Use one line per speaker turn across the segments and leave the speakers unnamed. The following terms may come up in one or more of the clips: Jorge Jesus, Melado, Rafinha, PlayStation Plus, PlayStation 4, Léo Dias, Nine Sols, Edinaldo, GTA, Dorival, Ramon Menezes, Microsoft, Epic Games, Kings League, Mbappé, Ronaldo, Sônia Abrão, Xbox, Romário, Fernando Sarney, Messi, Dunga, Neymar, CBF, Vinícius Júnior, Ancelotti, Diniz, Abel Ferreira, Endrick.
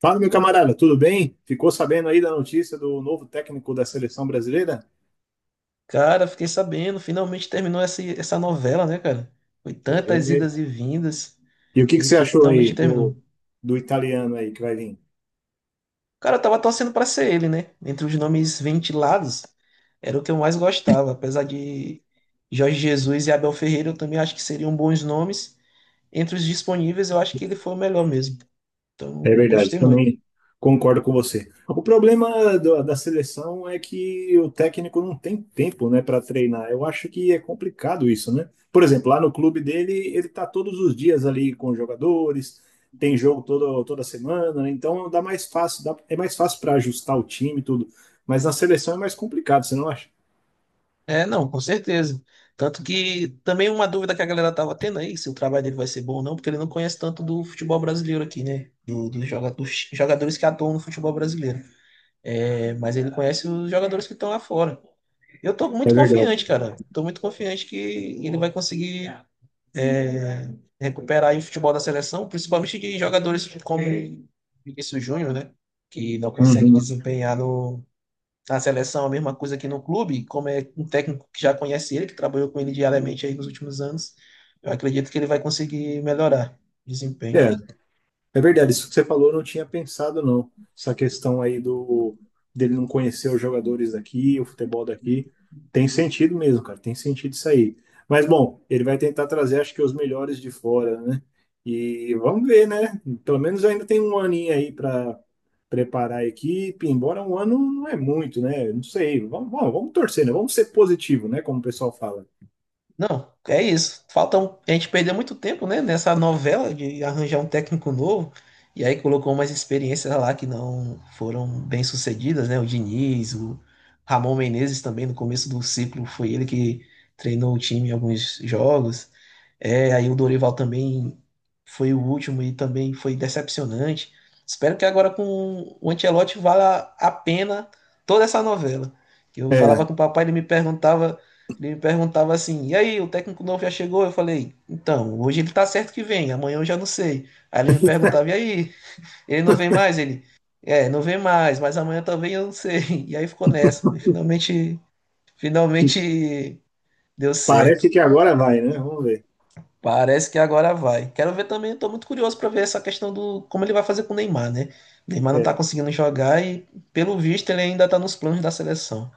Fala, meu camarada, tudo bem? Ficou sabendo aí da notícia do novo técnico da seleção brasileira?
Cara, fiquei sabendo, finalmente terminou essa novela, né, cara? Foi tantas idas
É.
e vindas
E o que que
e
você achou aí
finalmente
do,
terminou.
do italiano aí que vai vir?
Cara, eu tava torcendo pra ser ele, né? Entre os nomes ventilados, era o que eu mais gostava. Apesar de Jorge Jesus e Abel Ferreira, eu também acho que seriam bons nomes. Entre os disponíveis, eu acho que ele foi o melhor mesmo.
É
Então,
verdade,
gostei muito.
também concordo com você. O problema da seleção é que o técnico não tem tempo, né, para treinar. Eu acho que é complicado isso, né? Por exemplo, lá no clube dele, ele tá todos os dias ali com os jogadores, tem toda semana, né? Então dá mais fácil, é mais fácil para ajustar o time e tudo. Mas na seleção é mais complicado, você não acha?
É, não, com certeza. Tanto que também uma dúvida que a galera tava tendo aí, se o trabalho dele vai ser bom ou não, porque ele não conhece tanto do futebol brasileiro aqui, né? Dos jogadores que atuam no futebol brasileiro. É, mas ele conhece os jogadores que estão lá fora. Eu tô
É
muito
verdade.
confiante, cara. Tô muito confiante que ele vai conseguir é, recuperar aí o futebol da seleção, principalmente de jogadores como Vinícius Júnior, né? Que não consegue
Uhum.
desempenhar no, na seleção, a mesma coisa que no clube, como é um técnico que já conhece ele, que trabalhou com ele diariamente aí nos últimos anos, eu acredito que ele vai conseguir melhorar o desempenho.
É, É verdade, isso que você falou, eu não tinha pensado, não. Essa questão aí do dele não conhecer os jogadores daqui, o futebol daqui. Tem sentido mesmo, cara. Tem sentido isso aí. Mas, bom, ele vai tentar trazer, acho que, os melhores de fora, né? E vamos ver, né? Pelo menos ainda tem um aninho aí para preparar a equipe, embora um ano não é muito, né? Não sei. Vamos torcer, né? Vamos ser positivo, né? Como o pessoal fala.
Não, é isso. A gente perdeu muito tempo, né, nessa novela de arranjar um técnico novo. E aí colocou umas experiências lá que não foram bem sucedidas, né? O Diniz, o Ramon Menezes também no começo do ciclo foi ele que treinou o time em alguns jogos. É, aí o Dorival também foi o último e também foi decepcionante. Espero que agora com o Ancelotti valha a pena toda essa novela. Que eu
É,
falava com o papai, ele me perguntava assim: e aí, o técnico novo já chegou? Eu falei: então, hoje ele tá certo que vem, amanhã eu já não sei. Aí ele me perguntava: e aí, ele não vem mais? Ele: é, não vem mais, mas amanhã também eu não sei. E aí ficou nessa. Finalmente deu certo.
parece que agora vai, né? Vamos ver.
Parece que agora vai. Quero ver também, estou muito curioso para ver essa questão do como ele vai fazer com o Neymar, né? O Neymar não está
É,
conseguindo jogar e, pelo visto, ele ainda está nos planos da seleção.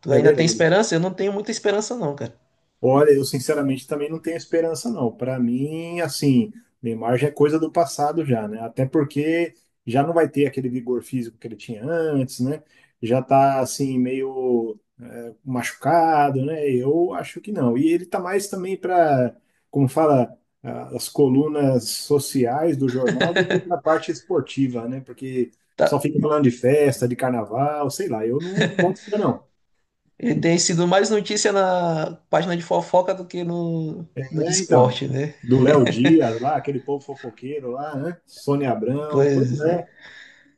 Tu
é
ainda tem
verdade.
esperança? Eu não tenho muita esperança, não, cara.
Olha, eu sinceramente também não tenho esperança, não. Para mim, assim, Neymar já é coisa do passado já, né? Até porque já não vai ter aquele vigor físico que ele tinha antes, né? Já tá, assim, meio machucado, né? Eu acho que não. E ele tá mais também para, como fala, ah, as colunas sociais do jornal do que na parte esportiva, né? Porque só
Tá.
fica falando de festa, de carnaval, sei lá. Eu não gosto disso, não.
Ele tem sido mais notícia na página de fofoca do que no de
É, então,
esporte, né?
do Léo Dias lá, aquele povo fofoqueiro lá, né? Sônia Abrão, pois
Pois, é.
é,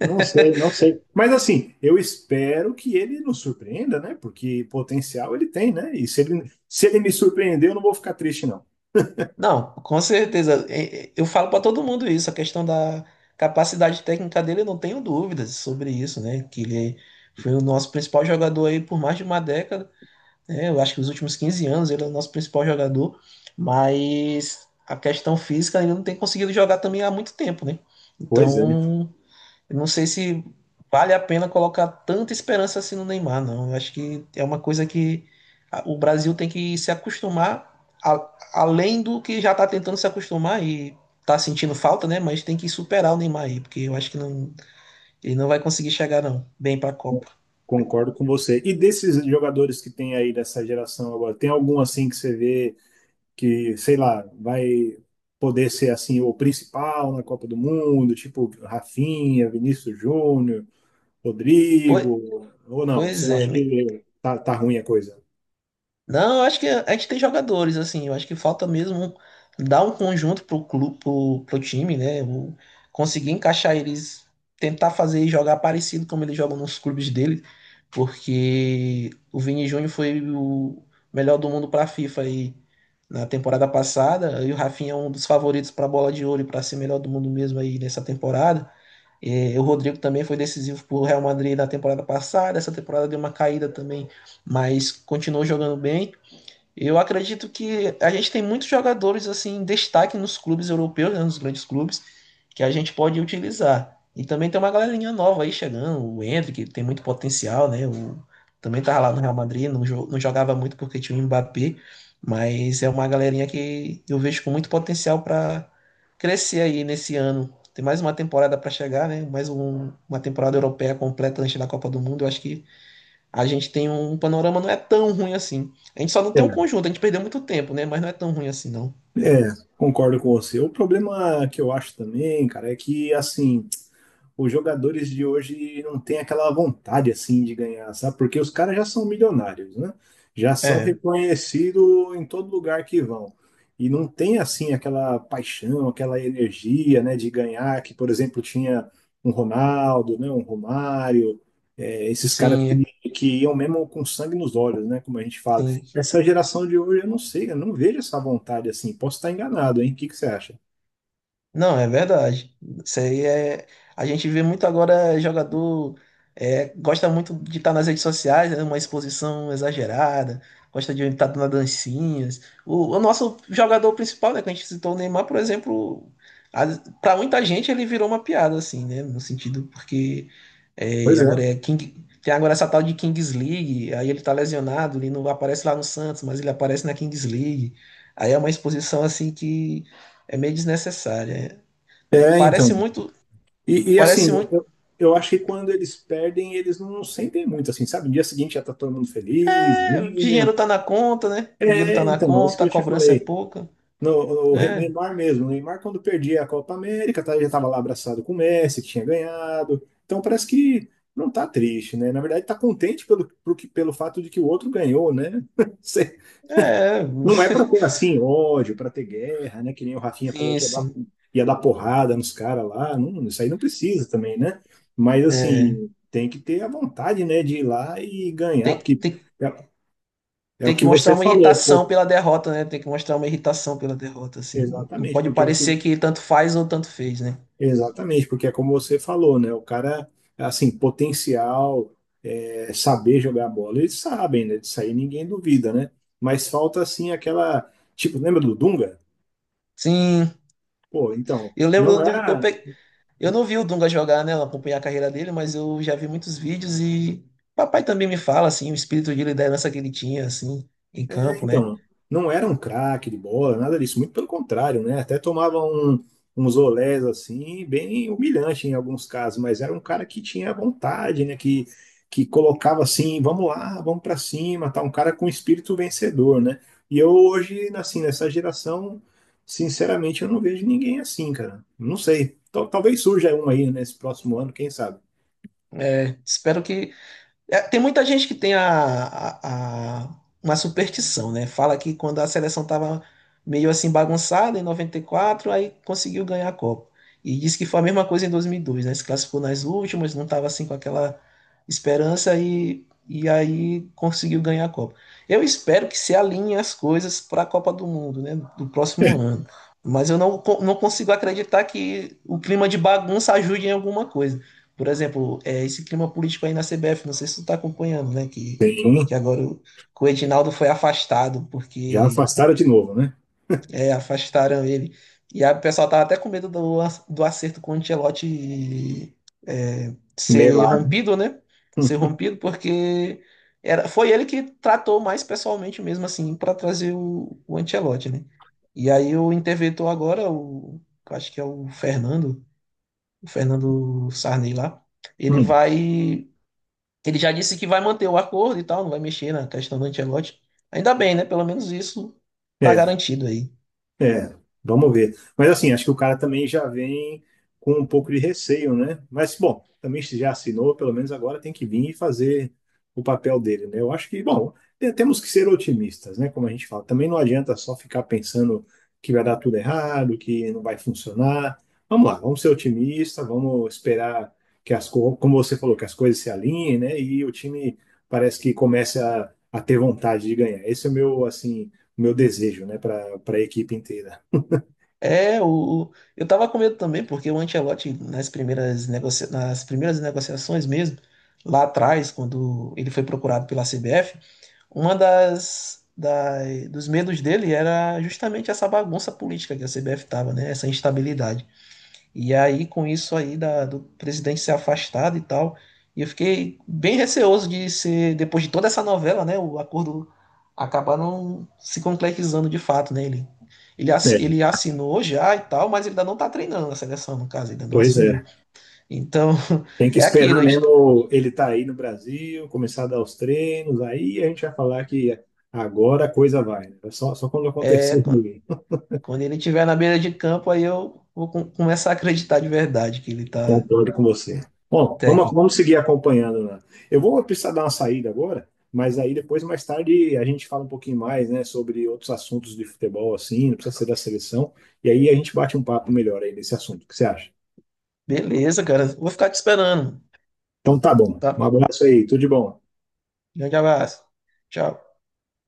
não sei, não sei. Mas assim, eu espero que ele nos surpreenda, né? Porque potencial ele tem, né? E se ele, se ele me surpreender, eu não vou ficar triste, não.
Não, com certeza. Eu falo para todo mundo isso, a questão da capacidade técnica dele, eu não tenho dúvidas sobre isso, né? Que ele foi o nosso principal jogador aí por mais de uma década, né? Eu acho que os últimos 15 anos ele é o nosso principal jogador, mas a questão física ele não tem conseguido jogar também há muito tempo, né?
Pois é,
Então, eu não sei se vale a pena colocar tanta esperança assim no Neymar, não. Eu acho que é uma coisa que o Brasil tem que se acostumar, além do que já está tentando se acostumar e está sentindo falta, né? Mas tem que superar o Neymar aí, porque eu acho que não, ele não vai conseguir chegar, não, bem para a Copa.
concordo com você. E desses jogadores que tem aí dessa geração agora, tem algum assim que você vê que, sei lá, vai poder ser assim o principal na Copa do Mundo, tipo Rafinha, Vinícius Júnior,
Pois,
Rodrigo, ou não?
pois
Você
é,
acha que tá ruim a coisa?
Não, eu acho que a gente tem jogadores, assim, eu acho que falta mesmo dar um conjunto pro clube, pro time, né? Conseguir encaixar eles, tentar fazer e jogar parecido como eles jogam nos clubes dele, porque o Vini Júnior foi o melhor do mundo pra FIFA aí na temporada passada, e o Rafinha é um dos favoritos pra Bola de Ouro e pra ser melhor do mundo mesmo aí nessa temporada. E o Rodrigo também foi decisivo pro Real Madrid na temporada passada, essa temporada deu uma caída também, mas continuou jogando bem. Eu acredito que a gente tem muitos jogadores assim em destaque nos clubes europeus, né, nos grandes clubes, que a gente pode utilizar. E também tem uma galerinha nova aí chegando, o Endrick, que tem muito potencial, né? Também tava lá no Real Madrid, não jogava muito porque tinha o Mbappé, mas é uma galerinha que eu vejo com muito potencial para crescer aí nesse ano. Tem mais uma temporada para chegar, né? Mais uma temporada europeia completa antes da Copa do Mundo. Eu acho que a gente tem um panorama não é tão ruim assim. A gente só não tem um
É.
conjunto, a gente perdeu muito tempo, né? Mas não é tão ruim assim, não.
É, concordo com você. O problema que eu acho também, cara, é que assim, os jogadores de hoje não têm aquela vontade assim de ganhar, sabe? Porque os caras já são milionários, né? Já são
É,
reconhecidos em todo lugar que vão. E não tem assim aquela paixão, aquela energia, né, de ganhar que, por exemplo, tinha um Ronaldo, né, um Romário, é, esses caras
sim, é-
que iam mesmo com sangue nos olhos, né, como a gente fala.
sim.
Essa geração de hoje, eu não sei, eu não vejo essa vontade assim. Posso estar enganado, hein? O que que você acha?
Não, é verdade. Isso aí é. A gente vê muito agora jogador gosta muito de estar nas redes sociais, é uma exposição exagerada, gosta de estar dando dancinhas. O nosso jogador principal, né, que a gente citou, o Neymar, por exemplo, para muita gente ele virou uma piada, assim, né? No sentido porque
Pois é.
agora é King. Tem agora essa tal de Kings League, aí ele tá lesionado, ele não aparece lá no Santos, mas ele aparece na Kings League. Aí é uma exposição assim que é meio desnecessária.
É, então.
Parece muito,
Assim,
parece muito.
eu acho que quando eles perdem, eles não sentem muito, assim, sabe? No dia seguinte já tá todo mundo feliz,
É, o
ninho.
dinheiro tá na conta, né? O dinheiro
É,
tá na
então, é isso que
conta, a
eu te
cobrança é
falei.
pouca.
No
Né.
Neymar mesmo. O Neymar, quando perdia a Copa América, tá, já tava lá abraçado com o Messi, que tinha ganhado. Então parece que não tá triste, né? Na verdade, tá contente pelo fato de que o outro ganhou, né?
É,
Não é para ter assim ódio, para ter guerra, né? Que nem o Rafinha falou
sim,
que
sim.
ia dar porrada nos caras lá. Não, isso aí não precisa também, né? Mas
É,
assim, tem que ter a vontade, né, de ir lá e ganhar,
tem,
porque
tem,
é, é o
Tem que
que
mostrar
você
uma
falou,
irritação
pô,
pela derrota, né? Tem que mostrar uma irritação pela derrota, assim. Não, não
exatamente,
pode
porque é o que,
parecer que tanto faz ou tanto fez, né?
exatamente, porque é como você falou, né? O cara, assim, potencial, é, saber jogar bola, eles sabem, né? Disso aí ninguém duvida, né? Mas falta assim aquela, tipo, lembra do Dunga?
Sim,
Pô, então,
eu
não
lembro do. Eu,
era
pe... Eu não vi o Dunga jogar, né? Acompanhar a carreira dele, mas eu já vi muitos vídeos e. Papai também me fala, assim, o espírito de liderança que ele tinha, assim, em campo, né?
Então, não era um craque de bola, nada disso, muito pelo contrário, né? Até tomava um, uns olés assim, bem humilhante em alguns casos, mas era um cara que tinha vontade, né? Que colocava assim, vamos lá, vamos para cima, tá? Um cara com espírito vencedor, né? E eu hoje, assim, nessa geração, sinceramente, eu não vejo ninguém assim, cara. Não sei. Talvez surja um aí nesse próximo ano, quem sabe?
É, espero que... É, tem muita gente que tem a- a- uma superstição, né? Fala que quando a seleção estava meio assim bagunçada em 94, aí conseguiu ganhar a Copa. E diz que foi a mesma coisa em 2002, né? Se classificou nas últimas, não estava assim com aquela esperança e aí conseguiu ganhar a Copa. Eu espero que se alinhem as coisas para a Copa do Mundo, né? Do próximo ano. Mas eu não, co- não consigo acreditar que o clima de bagunça ajude em alguma coisa. Por exemplo, é esse clima político aí na CBF, não sei se tu tá acompanhando, né? Que,
Tem um.
que agora o, que o Edinaldo foi afastado,
Já
porque
afastaram de novo, né?
afastaram ele. E a o pessoal tava até com medo do acerto com o Ancelotti ser
Melado.
rompido, né? Ser rompido, porque foi ele que tratou mais pessoalmente mesmo, assim, para trazer o Ancelotti, né? E aí o interventor agora, eu acho que é o Fernando Sarney lá, ele vai ele já disse que vai manter o acordo e tal, não vai mexer na questão do Ancelotti. Ainda bem, né? Pelo menos isso tá garantido aí.
É, vamos ver. Mas assim, acho que o cara também já vem com um pouco de receio, né? Mas, bom, também se já assinou, pelo menos agora tem que vir e fazer o papel dele, né? Eu acho que, bom, temos que ser otimistas, né? Como a gente fala. Também não adianta só ficar pensando que vai dar tudo errado, que não vai funcionar. Vamos lá, vamos ser otimistas, vamos esperar que as coisas, como você falou, que as coisas se alinhem, né? E o time parece que começa a ter vontade de ganhar. Esse é o meu, assim o meu desejo, né, para a equipe inteira.
Eu tava com medo também, porque o Ancelotti, nas primeiras negociações mesmo, lá atrás, quando ele foi procurado pela CBF, uma das, da- dos medos dele era justamente essa bagunça política que a CBF tava, né? Essa instabilidade. E aí, com isso aí do presidente ser afastado e tal, e eu fiquei bem receoso de ser, depois de toda essa novela, né, o acordo acabar não se concretizando de fato, né?
É,
Ele assinou já e tal, mas ele ainda não tá treinando a seleção, no caso, ainda não
pois
assumiu.
é.
Então,
Tem que
é aquilo,
esperar
a gente,
mesmo ele estar tá aí no Brasil, começar a dar os treinos, aí a gente vai falar que agora a coisa vai, né? Só quando
é,
acontecer,
quando, quando ele estiver na beira de campo, aí eu vou começar a acreditar de verdade que ele tá
concordo com você. Bom,
técnico.
vamos seguir acompanhando, né? Eu vou precisar dar uma saída agora, mas aí depois, mais tarde, a gente fala um pouquinho mais, né, sobre outros assuntos de futebol, assim, não precisa ser da seleção, e aí a gente bate um papo melhor aí nesse assunto. O que você acha?
Beleza, cara, vou ficar te esperando,
Então tá bom. Um
tá?
abraço aí, tudo de bom.
Grande abraço. Tchau.